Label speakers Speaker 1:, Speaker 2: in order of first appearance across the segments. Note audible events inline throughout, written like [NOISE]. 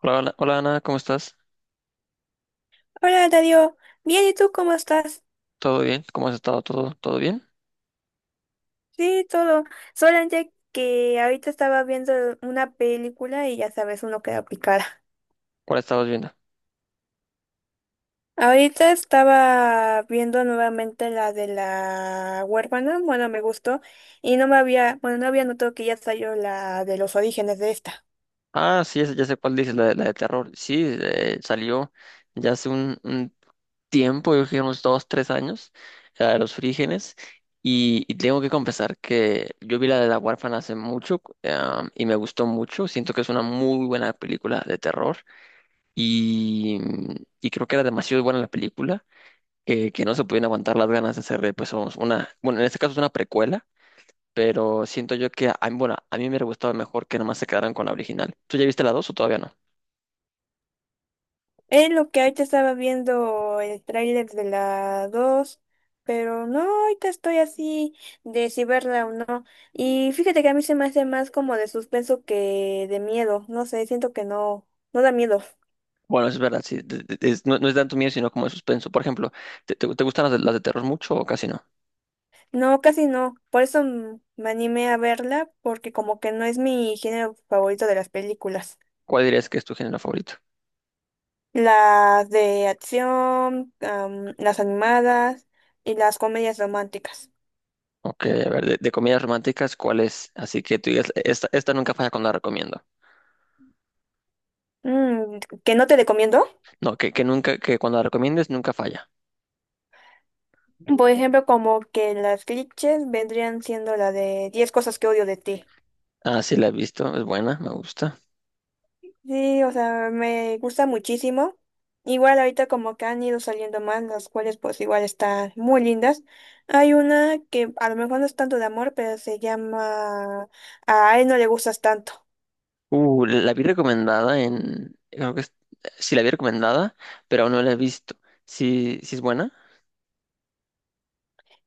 Speaker 1: Hola, hola, hola, Ana, ¿cómo estás?
Speaker 2: Hola, Darío. Bien, ¿y tú cómo estás?
Speaker 1: ¿Todo bien? ¿Cómo has estado? ¿Todo bien?
Speaker 2: Sí, todo. Solamente que ahorita estaba viendo una película y ya sabes, uno queda picada.
Speaker 1: ¿Cuál estabas viendo?
Speaker 2: Ahorita estaba viendo nuevamente la de la huérfana, bueno, me gustó, y no me había, bueno, no había notado que ya salió la de los orígenes de esta.
Speaker 1: Ah, sí, ya sé cuál dices, la de terror. Sí, salió ya hace un tiempo, yo creo que unos dos, tres años, la de los frígenes. Y tengo que confesar que yo vi la de La Huérfana hace mucho, y me gustó mucho. Siento que es una muy buena película de terror y, y creo que era demasiado buena la película. Que no se podían aguantar las ganas de hacerle, pues, una, bueno, en este caso es una precuela, pero siento yo que, bueno, a mí me hubiera gustado mejor que nomás se quedaran con la original. ¿Tú ya viste la dos o todavía no?
Speaker 2: Es lo que ahorita estaba viendo el tráiler de la 2, pero no, ahorita estoy así de si verla o no. Y fíjate que a mí se me hace más como de suspenso que de miedo. No sé, siento que no, no da miedo.
Speaker 1: Bueno, es verdad, sí, no, no es tanto miedo, sino como de suspenso. Por ejemplo, ¿te, te gustan las de terror mucho o casi no?
Speaker 2: No, casi no. Por eso me animé a verla, porque como que no es mi género favorito de las películas.
Speaker 1: ¿Cuál dirías que es tu género favorito?
Speaker 2: Las de acción, las animadas y las comedias románticas.
Speaker 1: Ok, a ver, de comedias románticas, ¿cuál es? Así que tú digas, esta nunca falla cuando la recomiendo.
Speaker 2: Mm, ¿que no te recomiendo?
Speaker 1: No, que nunca, que cuando la recomiendes nunca falla.
Speaker 2: Por ejemplo, como que las clichés vendrían siendo la de 10 cosas que odio de ti.
Speaker 1: Ah, sí, la he visto, es buena, me gusta.
Speaker 2: Sí, o sea, me gusta muchísimo. Igual ahorita como que han ido saliendo más, las cuales pues igual están muy lindas. Hay una que a lo mejor no es tanto de amor, pero se llama A él no le gustas tanto.
Speaker 1: La vi recomendada en, creo que sí la vi recomendada, pero aún no la he visto. Sí, sí es buena.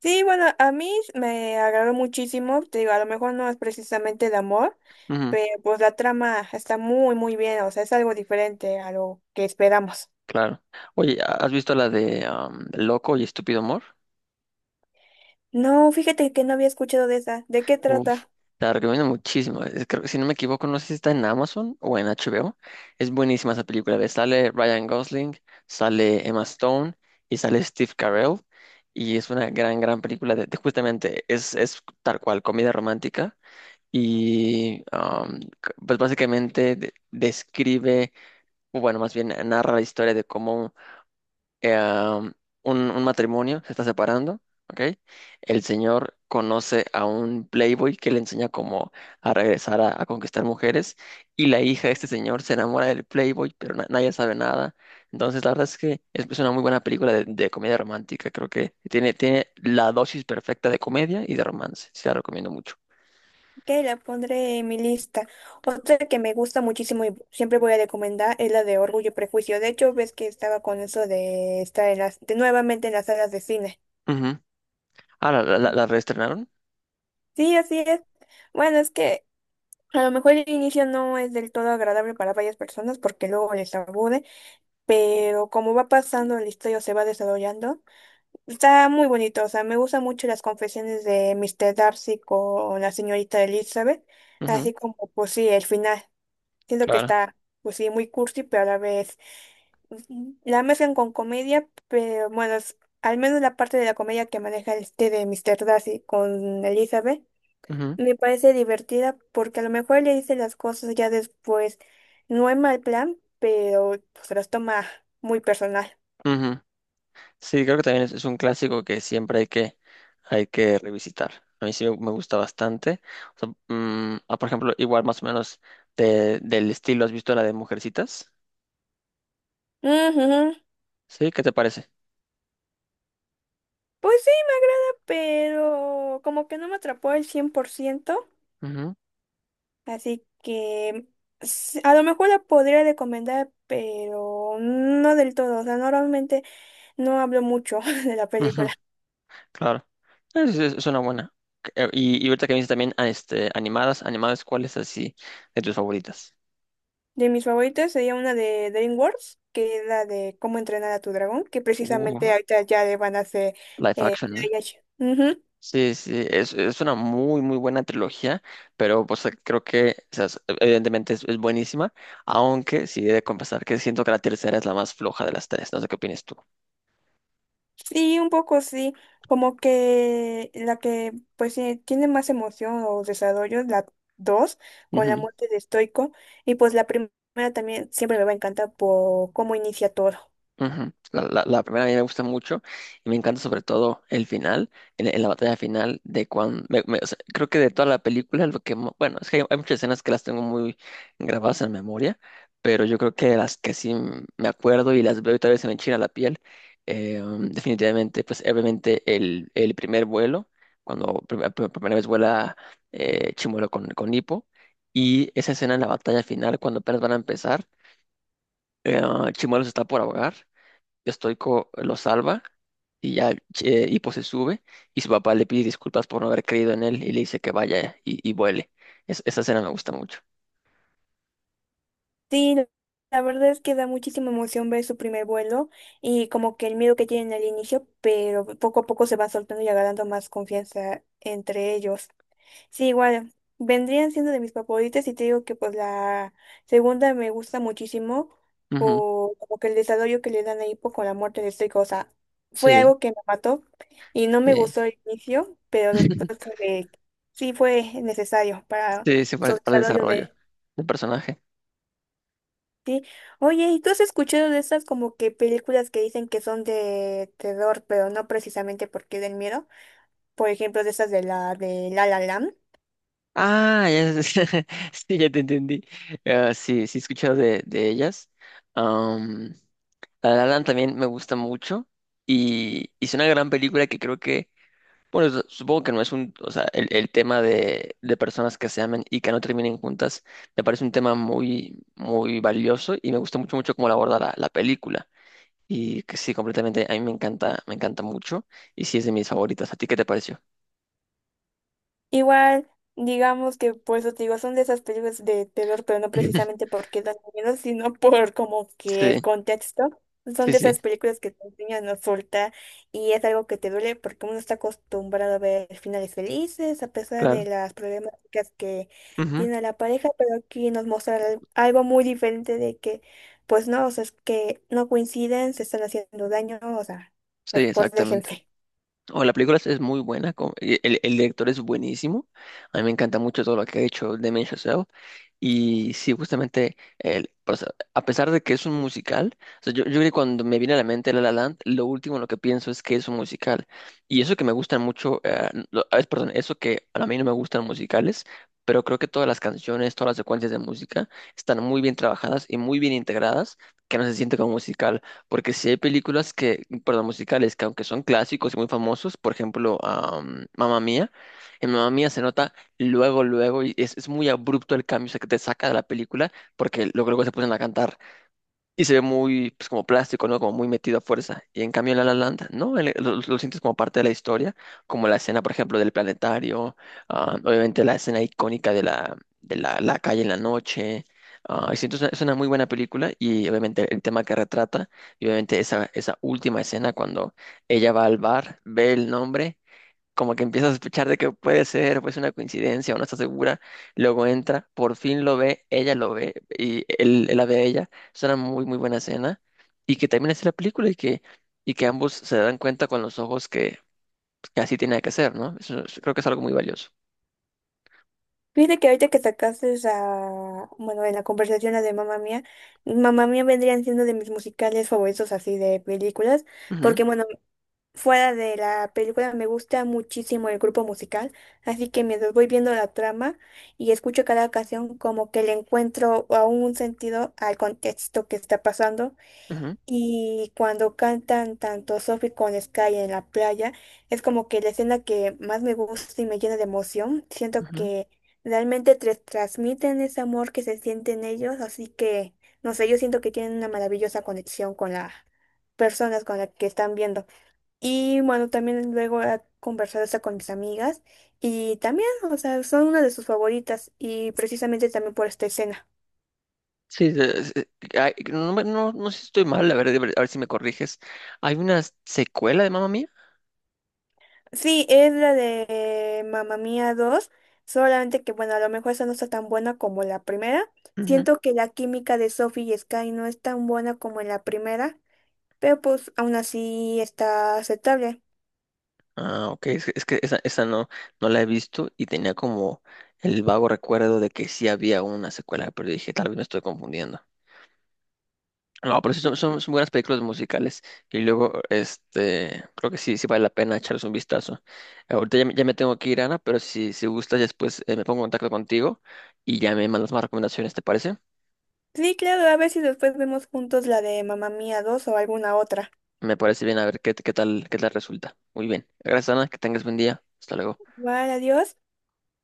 Speaker 2: Sí, bueno, a mí me agradó muchísimo. Te digo, a lo mejor no es precisamente de amor,
Speaker 1: Ujú.
Speaker 2: pero pues la trama está muy, muy bien. O sea, es algo diferente a lo que esperamos.
Speaker 1: Claro. Oye, ¿has visto la de Loco y Estúpido Amor?
Speaker 2: No, fíjate que no había escuchado de esa. ¿De qué
Speaker 1: Uf,
Speaker 2: trata?
Speaker 1: te la recomiendo muchísimo. Creo que si no me equivoco, no sé si está en Amazon o en HBO. Es buenísima esa película. Ve, Sale Ryan Gosling, sale Emma Stone y sale Steve Carell. Y es una gran, gran película de justamente, es tal cual, comedia romántica. Y pues básicamente describe, o bueno, más bien narra la historia de cómo eh, um, un matrimonio se está separando, ¿ok? El señor conoce a un playboy que le enseña cómo a regresar a conquistar mujeres y la hija de este señor se enamora del playboy, pero nadie sabe nada. Entonces, la verdad es que es una muy buena película de comedia romántica. Creo que tiene, tiene la dosis perfecta de comedia y de romance. Sí, la recomiendo mucho.
Speaker 2: Ok, la pondré en mi lista. Otra que me gusta muchísimo y siempre voy a recomendar es la de Orgullo y Prejuicio. De hecho, ves que estaba con eso de estar en las, de nuevamente en las salas de cine.
Speaker 1: Ujú. Ah, ¿la, la, la reestrenaron?
Speaker 2: Sí, así es. Bueno, es que a lo mejor el inicio no es del todo agradable para varias personas porque luego les aburre, pero como va pasando la historia o se va desarrollando. Está muy bonito, o sea, me gustan mucho las confesiones de Mr. Darcy con la señorita Elizabeth,
Speaker 1: Ujú.
Speaker 2: así como, pues sí, el final. Siento que
Speaker 1: Claro.
Speaker 2: está, pues sí, muy cursi, pero a la vez la mezclan con comedia, pero bueno, es al menos la parte de la comedia que maneja este de Mr. Darcy con Elizabeth
Speaker 1: Ujú,
Speaker 2: me parece divertida porque a lo mejor le dice las cosas ya después, no es mal plan, pero pues se las toma muy personal.
Speaker 1: ujú. Sí, creo que también es un clásico que siempre hay que revisitar. A mí sí me gusta bastante. O sea, por ejemplo, igual más o menos del estilo, ¿has visto la de Mujercitas?
Speaker 2: Ujú.
Speaker 1: ¿Sí? ¿Qué te parece?
Speaker 2: Pues sí, me agrada, pero como que no me atrapó al 100%,
Speaker 1: Ujú,
Speaker 2: así que s- a lo mejor la podría recomendar, pero no del todo, o sea, normalmente no hablo mucho [LAUGHS] de la
Speaker 1: ujú,
Speaker 2: película.
Speaker 1: claro. Es una buena. Y ahorita que me dices también animadas, animadas, ¿cuál es así de tus favoritas?
Speaker 2: De mis favoritas sería una de DreamWorks, que es la de Cómo entrenar a tu dragón, que
Speaker 1: Uh,
Speaker 2: precisamente ahorita ya le van a hacer
Speaker 1: live
Speaker 2: eh,
Speaker 1: action.
Speaker 2: live action. Ujú.
Speaker 1: Sí, sí, es una muy, muy buena trilogía, pero pues creo que, o sea, evidentemente es buenísima, aunque sí he de confesar que siento que la tercera es la más floja de las tres, no sé qué opinas tú.
Speaker 2: Sí, un poco sí, como que la que pues sí, tiene más emoción o desarrollo, la 2 con la muerte de Stoico, y pues la primera también siempre me va a encantar por cómo inicia todo.
Speaker 1: Ujú. La primera a mí me gusta mucho y me encanta sobre todo el final, en la batalla final de cuando, o sea, creo que de toda la película, lo que, bueno, es que hay muchas escenas que las tengo muy grabadas en memoria, pero yo creo que las que sí me acuerdo y las veo y tal vez se me enchina la piel, definitivamente, pues obviamente el primer vuelo, cuando por primera vez vuela Chimuelo con Hippo, y esa escena en la batalla final, cuando apenas van a empezar, eh, Chimuelo se está por ahogar, Stoico lo salva y ya, Hipo se sube y su papá le pide disculpas por no haber creído en él y le dice que vaya y vuele. Esa escena me gusta mucho.
Speaker 2: Sí, la verdad es que da muchísima emoción ver su primer vuelo y como que el miedo que tienen al inicio, pero poco a poco se van soltando y agarrando más confianza entre ellos. Sí, igual, vendrían siendo de mis favoritas y te digo que pues la segunda me gusta muchísimo
Speaker 1: Ujú.
Speaker 2: por como que el desarrollo que le dan a Hippo con la muerte de Estrico, o sea, fue
Speaker 1: Sí,
Speaker 2: algo que me mató y no me
Speaker 1: sí.
Speaker 2: gustó al inicio, pero después
Speaker 1: [LAUGHS]
Speaker 2: fue de- sí fue necesario para
Speaker 1: Sí, sí,
Speaker 2: su
Speaker 1: para el
Speaker 2: desarrollo
Speaker 1: desarrollo
Speaker 2: de
Speaker 1: del personaje.
Speaker 2: sí. Oye, ¿y tú has escuchado de esas como que películas que dicen que son de terror, pero no precisamente porque den miedo? Por ejemplo, de esas de La La Land.
Speaker 1: Ah, ya, [LAUGHS] sí, ya te entendí. Ah, sí, sí, he escuchado de ellas. Am, La La Land también me gusta mucho y hizo una gran película que creo que bueno, supongo que no es un, o sea, el tema de personas que se amen y que no terminen juntas, me parece un tema muy, muy valioso y me gusta mucho, mucho cómo lo aborda la, la película. Y que sí, completamente, a mí me encanta mucho y sí es de mis favoritas. ¿A ti qué te pareció?
Speaker 2: Igual, digamos que por eso te digo, son de esas películas de terror, pero no precisamente
Speaker 1: [LAUGHS]
Speaker 2: porque dan miedo, sino por como que el
Speaker 1: Sí,
Speaker 2: contexto. Son
Speaker 1: sí,
Speaker 2: de
Speaker 1: sí,
Speaker 2: esas películas que te enseñan a soltar y es algo que te duele porque uno está acostumbrado a ver finales felices a pesar
Speaker 1: claro.
Speaker 2: de las problemáticas que
Speaker 1: Ujú.
Speaker 2: tiene la pareja, pero aquí nos muestra al- algo muy diferente de que, pues no, o sea, es que no coinciden, se están haciendo daño, o sea,
Speaker 1: Sí,
Speaker 2: mejor
Speaker 1: exactamente.
Speaker 2: déjense.
Speaker 1: O la película es muy buena, el director es buenísimo, a mí me encanta mucho todo lo que ha hecho Damien Chazelle y sí, justamente, el, o sea, a pesar de que es un musical, o sea, yo creo que cuando me viene a la mente La La Land, lo último en lo que pienso es que es un musical y eso que me gustan mucho, perdón, eso que a mí no me gustan musicales, pero creo que todas las canciones, todas las secuencias de música están muy bien trabajadas y muy bien integradas, que no se siente como musical. Porque sí hay películas que, perdón, musicales, que aunque son clásicos y muy famosos, por ejemplo, Mamma Mía, en Mamma Mía se nota luego, luego, y es muy abrupto el cambio, o sea, que te saca de la película, porque luego, luego se ponen a cantar. Y se ve muy, pues como plástico, ¿no? Como muy metido a fuerza. Y en cambio en La La Land, ¿no? Lo sientes como parte de la historia, como la escena, por ejemplo, del planetario, ah, obviamente la escena icónica de la, la calle en la noche. Ah, y siento, es una muy buena película y obviamente el tema que retrata, y obviamente esa, esa última escena cuando ella va al bar, ve el nombre, como que empieza a sospechar de que puede ser, pues una coincidencia o no está segura, luego entra, por fin lo ve, ella lo ve y él la ve a ella, es una muy muy buena escena y que termina así la película y que ambos se dan cuenta con los ojos que así tiene que ser, ¿no? Creo que es algo muy valioso.
Speaker 2: Fíjate que ahorita que sacaste a, bueno, en la conversación la de Mamá Mía, Mamá Mía vendrían siendo de mis musicales favoritos así de películas,
Speaker 1: Ujú,
Speaker 2: porque bueno, fuera de la película me gusta muchísimo el grupo musical, así que mientras voy viendo la trama y escucho cada canción como que le encuentro a un sentido al contexto que está pasando
Speaker 1: ujú,
Speaker 2: y cuando cantan tanto Sophie con Sky en la playa, es como que la escena que más me gusta y me llena de emoción. Siento
Speaker 1: ujú.
Speaker 2: que realmente te transmiten ese amor que se siente en ellos, así que, no sé, yo siento que tienen una maravillosa conexión con las personas con las que están viendo. Y bueno, también luego he conversado esto con mis amigas y también, o sea, son una de sus favoritas y precisamente también por esta escena.
Speaker 1: Sí, ay, no, no, no sé si estoy mal, a ver si me corriges. ¿Hay una secuela de Mamma Mía?
Speaker 2: Sí, es la de Mamma Mía dos. Solamente que bueno, a lo mejor esa no está tan buena como la primera. Siento que la química de Sophie y Sky no es tan buena como en la primera, pero pues aún así está aceptable.
Speaker 1: Ah, ok, es que esa no, no la he visto y tenía como el vago recuerdo de que sí había una secuela, pero dije, tal vez me estoy confundiendo. No, pero sí son, son, son buenas películas musicales y luego, este, creo que sí, sí vale la pena echarles un vistazo. Ahorita ya me tengo que ir, Ana, pero si, si gustas después, me pongo en contacto contigo y ya me mandas más recomendaciones, ¿te parece?
Speaker 2: Sí, claro, a ver si después vemos juntos la de Mamma Mía dos o alguna otra.
Speaker 1: Me parece bien, a ver qué, qué tal resulta. Muy bien. Gracias, Ana, que tengas buen día. Hasta luego.
Speaker 2: Igual, adiós.